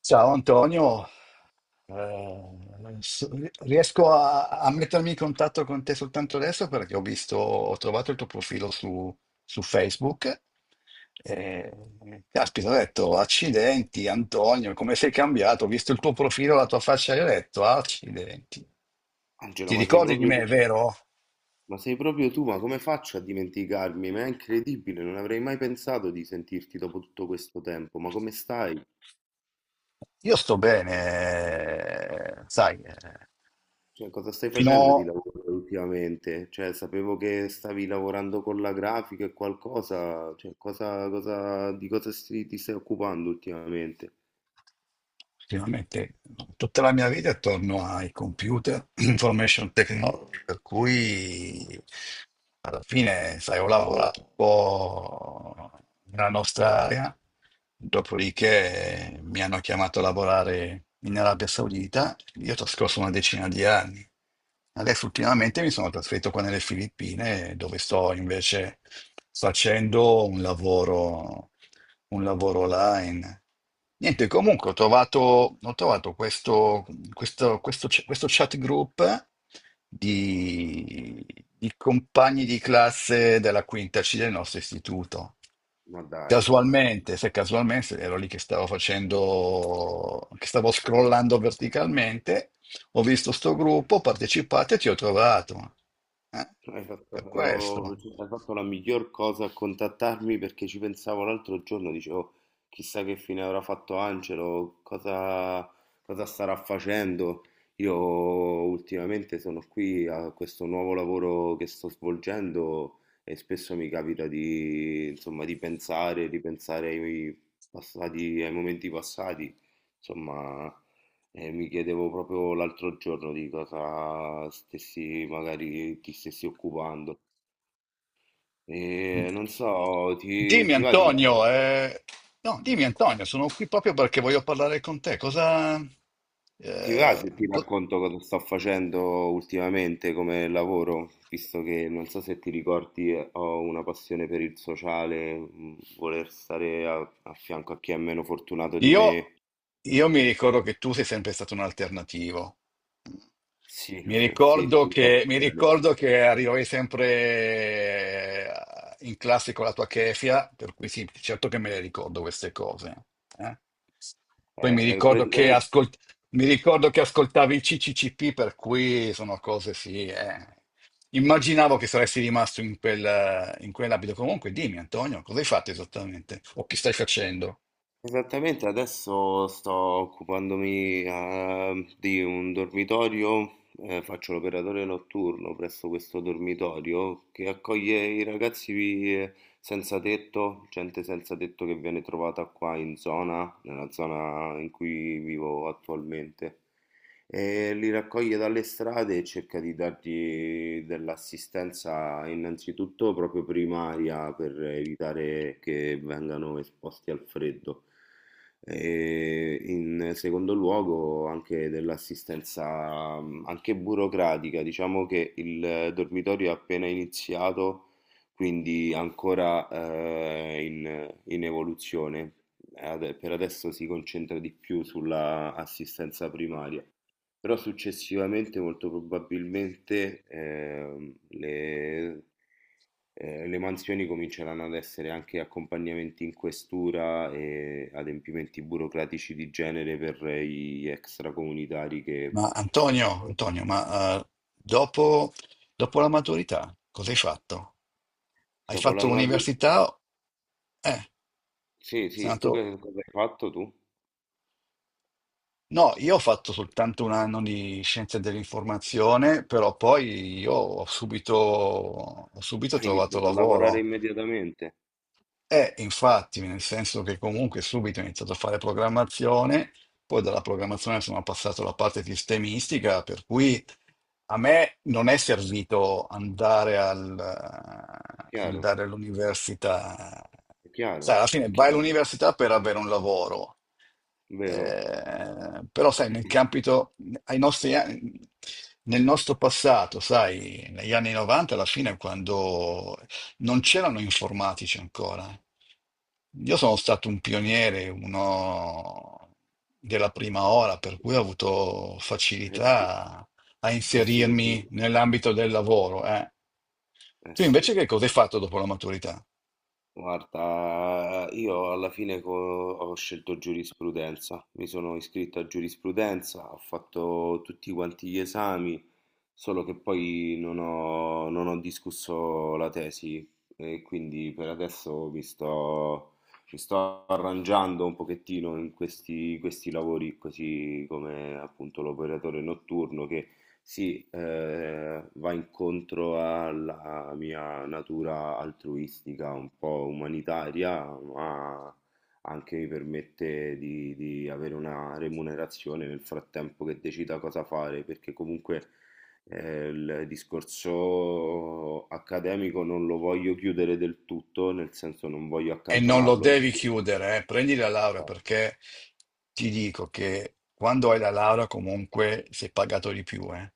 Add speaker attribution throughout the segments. Speaker 1: Ciao Antonio. Eh, s- Riesco a mettermi in contatto con te soltanto adesso perché ho visto, ho trovato il tuo profilo su, su Facebook. E, caspita, ho detto, accidenti Antonio, come sei cambiato? Ho visto il tuo profilo, la tua faccia e ho detto, accidenti.
Speaker 2: Angela,
Speaker 1: Ti
Speaker 2: ma sei
Speaker 1: ricordi di
Speaker 2: proprio tu,
Speaker 1: me, vero?
Speaker 2: ma sei proprio tu, ma come faccio a dimenticarmi? Ma è incredibile, non avrei mai pensato di sentirti dopo tutto questo tempo, ma come stai?
Speaker 1: Io sto bene, sai,
Speaker 2: Cioè, cosa stai facendo di
Speaker 1: fino,
Speaker 2: lavoro ultimamente? Cioè, sapevo che stavi lavorando con la grafica e qualcosa, cioè, cosa, di cosa ti stai occupando ultimamente?
Speaker 1: effettivamente, tutta la mia vita è attorno ai computer, information technology, per cui alla fine, sai, ho lavorato un po' nella nostra area, dopodiché mi hanno chiamato a lavorare in Arabia Saudita, io ho trascorso una decina di anni. Adesso ultimamente mi
Speaker 2: Incredibile,
Speaker 1: sono trasferito qua nelle Filippine, dove sto invece facendo un lavoro online. Niente, comunque ho trovato questo chat group di, di compagni di classe della quinta C del nostro istituto.
Speaker 2: ma dai.
Speaker 1: Casualmente, se casualmente ero lì che stavo facendo, che stavo scrollando verticalmente, ho visto sto gruppo, ho partecipato e ti ho trovato. Eh,
Speaker 2: Hai fatto,
Speaker 1: per
Speaker 2: oh,
Speaker 1: questo.
Speaker 2: cioè, hai fatto la miglior cosa a contattarmi perché ci pensavo l'altro giorno, dicevo, chissà che fine avrà fatto Angelo, cosa starà facendo. Io ultimamente sono qui a questo nuovo lavoro che sto svolgendo e spesso mi capita di, insomma, di pensare, ripensare ai passati, ai momenti passati. Insomma, e mi chiedevo proprio l'altro giorno di cosa stessi, magari ti stessi occupando. E non so,
Speaker 1: Dimmi
Speaker 2: ti va
Speaker 1: Antonio, no, dimmi Antonio, sono qui proprio perché voglio parlare con te.
Speaker 2: ti va
Speaker 1: Eh,
Speaker 2: se ti
Speaker 1: co-
Speaker 2: racconto cosa sto facendo ultimamente come lavoro, visto che non so se ti ricordi, ho una passione per il sociale, voler stare a fianco a chi è meno fortunato di
Speaker 1: Io,
Speaker 2: me.
Speaker 1: io mi ricordo che tu sei sempre stato un alternativo.
Speaker 2: Sì, sì, ti ricordi
Speaker 1: Mi
Speaker 2: bene.
Speaker 1: ricordo che arrivavi sempre in classe con la tua kefia, per cui sì, certo che me le ricordo queste cose. eh. Poi
Speaker 2: Praticamente.
Speaker 1: mi ricordo che ascoltavi il CCCP, per cui sono cose sì. Immaginavo che saresti rimasto in quell'abito. Comunque, dimmi, Antonio, cosa hai fatto esattamente? O che stai
Speaker 2: eh,
Speaker 1: facendo?
Speaker 2: Esattamente, adesso sto occupandomi, di un dormitorio, faccio l'operatore notturno presso questo dormitorio che accoglie i ragazzi eh, senza tetto, gente senza tetto che viene trovata qua in zona, nella zona in cui vivo attualmente. E li raccoglie dalle strade e cerca di dargli dell'assistenza innanzitutto proprio primaria per evitare che vengano esposti al freddo. E in secondo luogo anche dell'assistenza, anche burocratica, diciamo che il dormitorio è appena iniziato, quindi ancora in evoluzione. Per adesso si concentra di più sulla assistenza primaria, però successivamente molto probabilmente, le mansioni cominceranno ad essere anche accompagnamenti in questura e adempimenti burocratici di genere per gli extracomunitari che
Speaker 1: Ma Antonio,
Speaker 2: spesso-
Speaker 1: Antonio, dopo, dopo la maturità cosa hai fatto? Hai
Speaker 2: dopo la
Speaker 1: fatto
Speaker 2: maturità.
Speaker 1: l'università? Eh,
Speaker 2: Sì,
Speaker 1: sei
Speaker 2: sì, tu
Speaker 1: andato...
Speaker 2: che cosa hai fatto tu?
Speaker 1: No, io ho fatto soltanto un anno di scienze dell'informazione, però poi io ho subito
Speaker 2: Hai
Speaker 1: trovato
Speaker 2: iniziato a lavorare
Speaker 1: lavoro.
Speaker 2: immediatamente,
Speaker 1: Infatti, nel senso che comunque subito ho iniziato a fare programmazione, poi dalla programmazione sono passato alla parte sistemistica, per cui a me non è servito
Speaker 2: chiaro,
Speaker 1: andare all'università.
Speaker 2: è
Speaker 1: Sai,
Speaker 2: chiaro,
Speaker 1: alla fine
Speaker 2: è
Speaker 1: vai
Speaker 2: chiaro,
Speaker 1: all'università per avere un lavoro.
Speaker 2: vero?
Speaker 1: Però, sai, nel campito, ai nostri anni- nel nostro passato, sai, negli anni 90, alla fine, quando non c'erano informatici ancora. Io sono stato un pioniere, uno della prima ora, per cui ho avuto
Speaker 2: Eh
Speaker 1: facilità a
Speaker 2: sì, eh sì,
Speaker 1: inserirmi nell'ambito del lavoro.
Speaker 2: eh
Speaker 1: Tu
Speaker 2: sì.
Speaker 1: invece che cosa hai fatto dopo la maturità?
Speaker 2: Guarda, io alla fine ho scelto giurisprudenza, mi sono iscritto a giurisprudenza, ho fatto tutti quanti gli esami, solo che poi non ho discusso la tesi e quindi per adesso mi sto arrangiando un pochettino in questi lavori così come appunto l'operatore notturno che sì, va incontro alla mia natura altruistica, un po' umanitaria, ma anche mi permette di avere una remunerazione nel frattempo che decida cosa fare, perché comunque, il discorso accademico non lo voglio chiudere del tutto, nel senso non voglio
Speaker 1: E non lo
Speaker 2: accantonarlo.
Speaker 1: devi chiudere, eh. Prendi la laurea perché ti dico che quando hai la laurea comunque sei pagato di più, eh.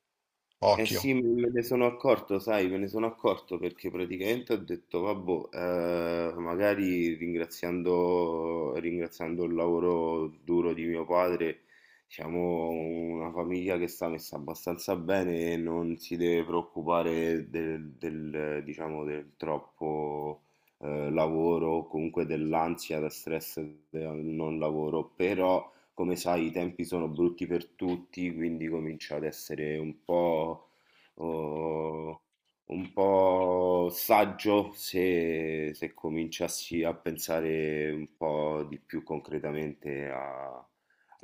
Speaker 2: Eh
Speaker 1: Occhio.
Speaker 2: sì, me ne sono accorto, sai, me ne sono accorto perché praticamente ho detto, vabbè, magari ringraziando il lavoro duro di mio padre, siamo una famiglia che sta messa abbastanza bene e non si deve preoccupare diciamo, del troppo, lavoro o comunque dell'ansia, da stress del non lavoro, però. Come sai, i tempi sono brutti per tutti, quindi comincia ad essere un po' o un po' saggio se cominciassi a pensare un po' di più concretamente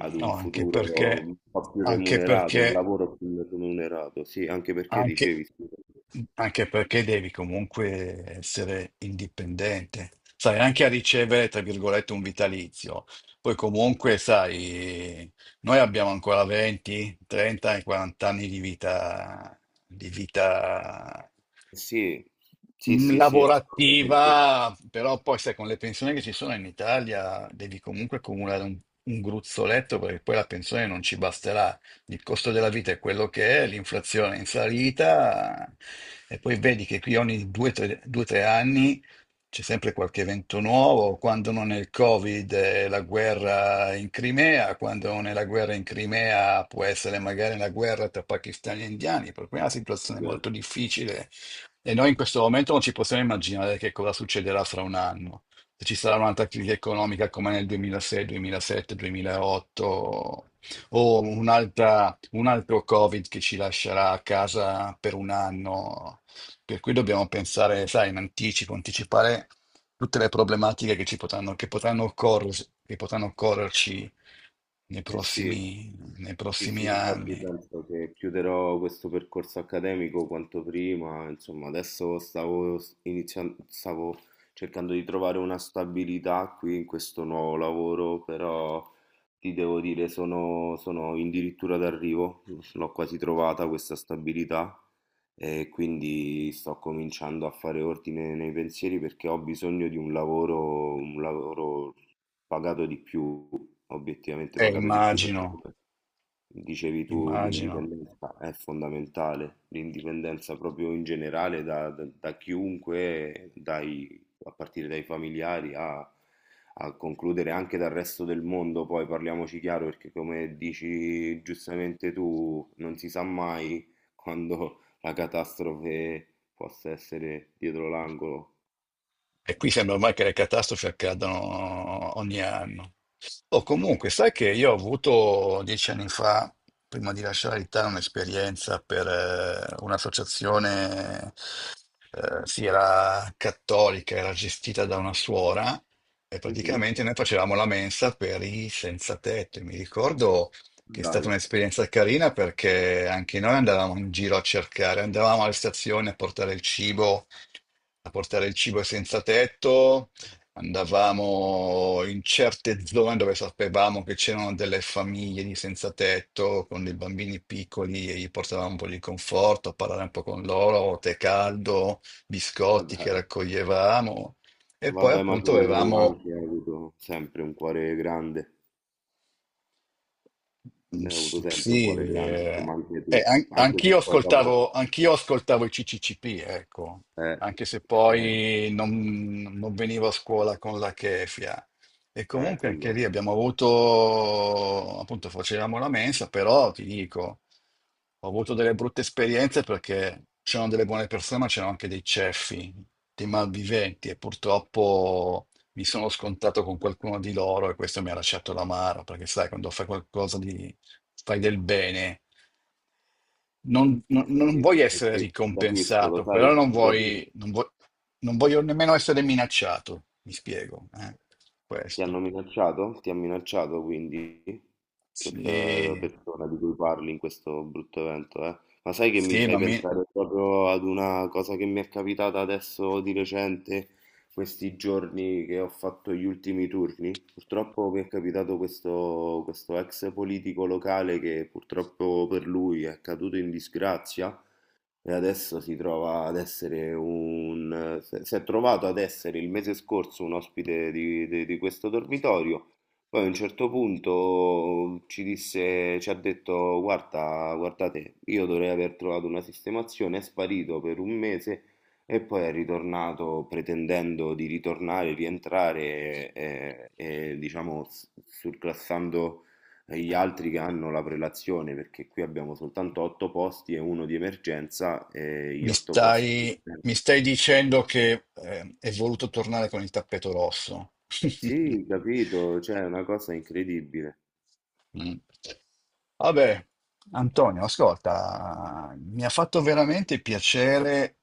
Speaker 2: ad
Speaker 1: No,
Speaker 2: un
Speaker 1: anche
Speaker 2: futuro
Speaker 1: perché,
Speaker 2: un po' più
Speaker 1: anche
Speaker 2: remunerato, un
Speaker 1: perché
Speaker 2: lavoro più remunerato, sì, anche perché
Speaker 1: Anche,
Speaker 2: dicevi, sì,
Speaker 1: mhmm, anche perché devi comunque essere indipendente, sai, anche a ricevere, tra virgolette, un vitalizio. Poi comunque, sai, noi abbiamo ancora 20, 30 e 40 anni di vita, di vita
Speaker 2: eh sì, sì, assolutamente,
Speaker 1: lavorativa, però poi sai, con le pensioni che ci sono in Italia devi comunque accumulare un gruzzoletto perché poi la pensione non ci basterà, il costo della vita è quello che è, l'inflazione è in salita e poi vedi che qui ogni due, tre anni c'è sempre qualche evento nuovo, quando non è il Covid è la guerra in Crimea, quando non è la guerra in Crimea può essere magari la guerra tra pakistani e indiani, per cui è una situazione molto difficile e noi in questo momento non ci possiamo immaginare che cosa succederà fra un anno. Se ci sarà un'altra crisi economica come nel 2006, 2007, 2008, o un altro Covid che ci lascerà a casa per un anno. Per cui dobbiamo pensare, sai, in anticipo, anticipare tutte le problematiche che ci potranno, che potranno occor- che potranno occorrerci nei
Speaker 2: eh sì.
Speaker 1: prossimi, nei
Speaker 2: Sì, sì,
Speaker 1: prossimi
Speaker 2: infatti
Speaker 1: anni.
Speaker 2: penso che chiuderò questo percorso accademico quanto prima, insomma, adesso stavo iniziando, stavo cercando di trovare una stabilità qui in questo nuovo lavoro, però ti devo dire, sono addirittura d'arrivo, l'ho quasi trovata questa stabilità e quindi sto cominciando a fare ordine nei pensieri perché ho bisogno di un lavoro pagato di più, obiettivamente pagato di più perché
Speaker 1: Immagino,
Speaker 2: come dicevi tu
Speaker 1: immagino.
Speaker 2: l'indipendenza è fondamentale, l'indipendenza proprio in generale da chiunque, a partire dai familiari a concludere anche dal resto del mondo, poi parliamoci chiaro perché come dici giustamente tu, non si sa mai quando la catastrofe possa essere dietro l'angolo.
Speaker 1: E qui sembra ormai che le catastrofi accadano ogni anno. Oh, comunque, sai che io ho avuto 10 anni fa, prima di lasciare l'Italia, un'esperienza per un'associazione, sì, era cattolica, era gestita da una suora e
Speaker 2: Mhm.
Speaker 1: praticamente noi facevamo la mensa per i senza tetto. E mi ricordo che è stata
Speaker 2: Dai,
Speaker 1: un'esperienza carina perché anche noi andavamo in giro a cercare, andavamo alle stazioni a portare il cibo, a portare il cibo ai senza tetto. Andavamo in certe zone dove sapevamo che c'erano delle famiglie di senza tetto con dei bambini piccoli e gli portavamo un po' di conforto a parlare un po' con loro, tè caldo,
Speaker 2: ma
Speaker 1: biscotti che
Speaker 2: dai.
Speaker 1: raccoglievamo e poi
Speaker 2: Vabbè, ma
Speaker 1: appunto
Speaker 2: tu
Speaker 1: avevamo,
Speaker 2: anche hai avuto sempre un cuore grande,
Speaker 1: mm,
Speaker 2: hai avuto
Speaker 1: s-
Speaker 2: sempre un
Speaker 1: sì,
Speaker 2: cuore grande, insomma anche tu, anche se poi dopo.
Speaker 1: anch'io ascoltavo i CCCP, ecco,
Speaker 2: Eh,
Speaker 1: anche se poi non venivo a scuola con la chefia. E comunque anche
Speaker 2: quello,
Speaker 1: lì abbiamo avuto, appunto facevamo la mensa, però ti dico, ho avuto delle brutte esperienze perché c'erano delle buone persone, ma c'erano anche dei ceffi, dei malviventi e purtroppo mi sono scontato con qualcuno di loro e questo mi ha lasciato l'amaro, perché sai, quando fai fai del bene, non
Speaker 2: sì,
Speaker 1: vuoi
Speaker 2: eh
Speaker 1: essere
Speaker 2: sì, capisco, lo
Speaker 1: ricompensato, però
Speaker 2: sai, ti capisco.
Speaker 1: non vuoi, non voglio nemmeno essere minacciato, mi spiego,
Speaker 2: Ti hanno
Speaker 1: questo.
Speaker 2: minacciato? Ti ha minacciato quindi
Speaker 1: Sì,
Speaker 2: questa persona di cui parli in questo brutto evento, eh? Ma sai che mi
Speaker 1: sì,
Speaker 2: fai pensare proprio ad una cosa che mi è capitata adesso di recente, questi giorni che ho fatto gli ultimi turni? Purtroppo mi è capitato questo ex politico locale che purtroppo per lui è caduto in disgrazia e adesso si trova ad essere un... Si è trovato ad essere il mese scorso un ospite di questo dormitorio, poi a un certo punto ci ha detto, guarda, guardate, io dovrei aver trovato una sistemazione, è sparito per un mese e poi è ritornato pretendendo di ritornare, rientrare e, diciamo surclassando e gli altri che hanno la prelazione, perché qui abbiamo soltanto 8 posti e uno di emergenza e gli 8 posti.
Speaker 1: mi stai dicendo che è voluto tornare con il tappeto rosso.
Speaker 2: Sì, capito, cioè è una cosa incredibile,
Speaker 1: Mm. Vabbè, Antonio, ascolta, mi ha fatto veramente piacere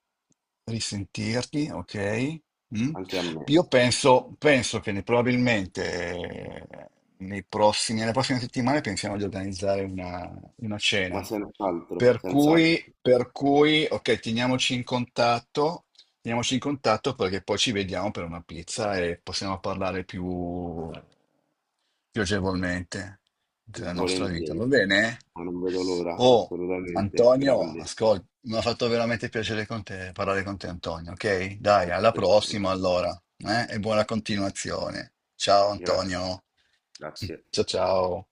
Speaker 1: risentirti, ok? Mm?
Speaker 2: anche a me,
Speaker 1: Io penso, penso probabilmente nelle prossime settimane pensiamo di organizzare una
Speaker 2: ma
Speaker 1: cena.
Speaker 2: senz'altro, senz'altro,
Speaker 1: Per cui, ok, teniamoci in contatto perché poi ci vediamo per una pizza e possiamo parlare più piacevolmente della nostra vita, va
Speaker 2: volentieri,
Speaker 1: bene?
Speaker 2: ma non vedo l'ora,
Speaker 1: Oh,
Speaker 2: assolutamente,
Speaker 1: Antonio,
Speaker 2: grande,
Speaker 1: ascolta, mi ha fatto veramente piacere parlare con te, Antonio, ok? Dai, alla
Speaker 2: altrettanto.
Speaker 1: prossima allora, eh? E buona continuazione. Ciao
Speaker 2: Gra-
Speaker 1: Antonio.
Speaker 2: grazie.
Speaker 1: Ciao ciao.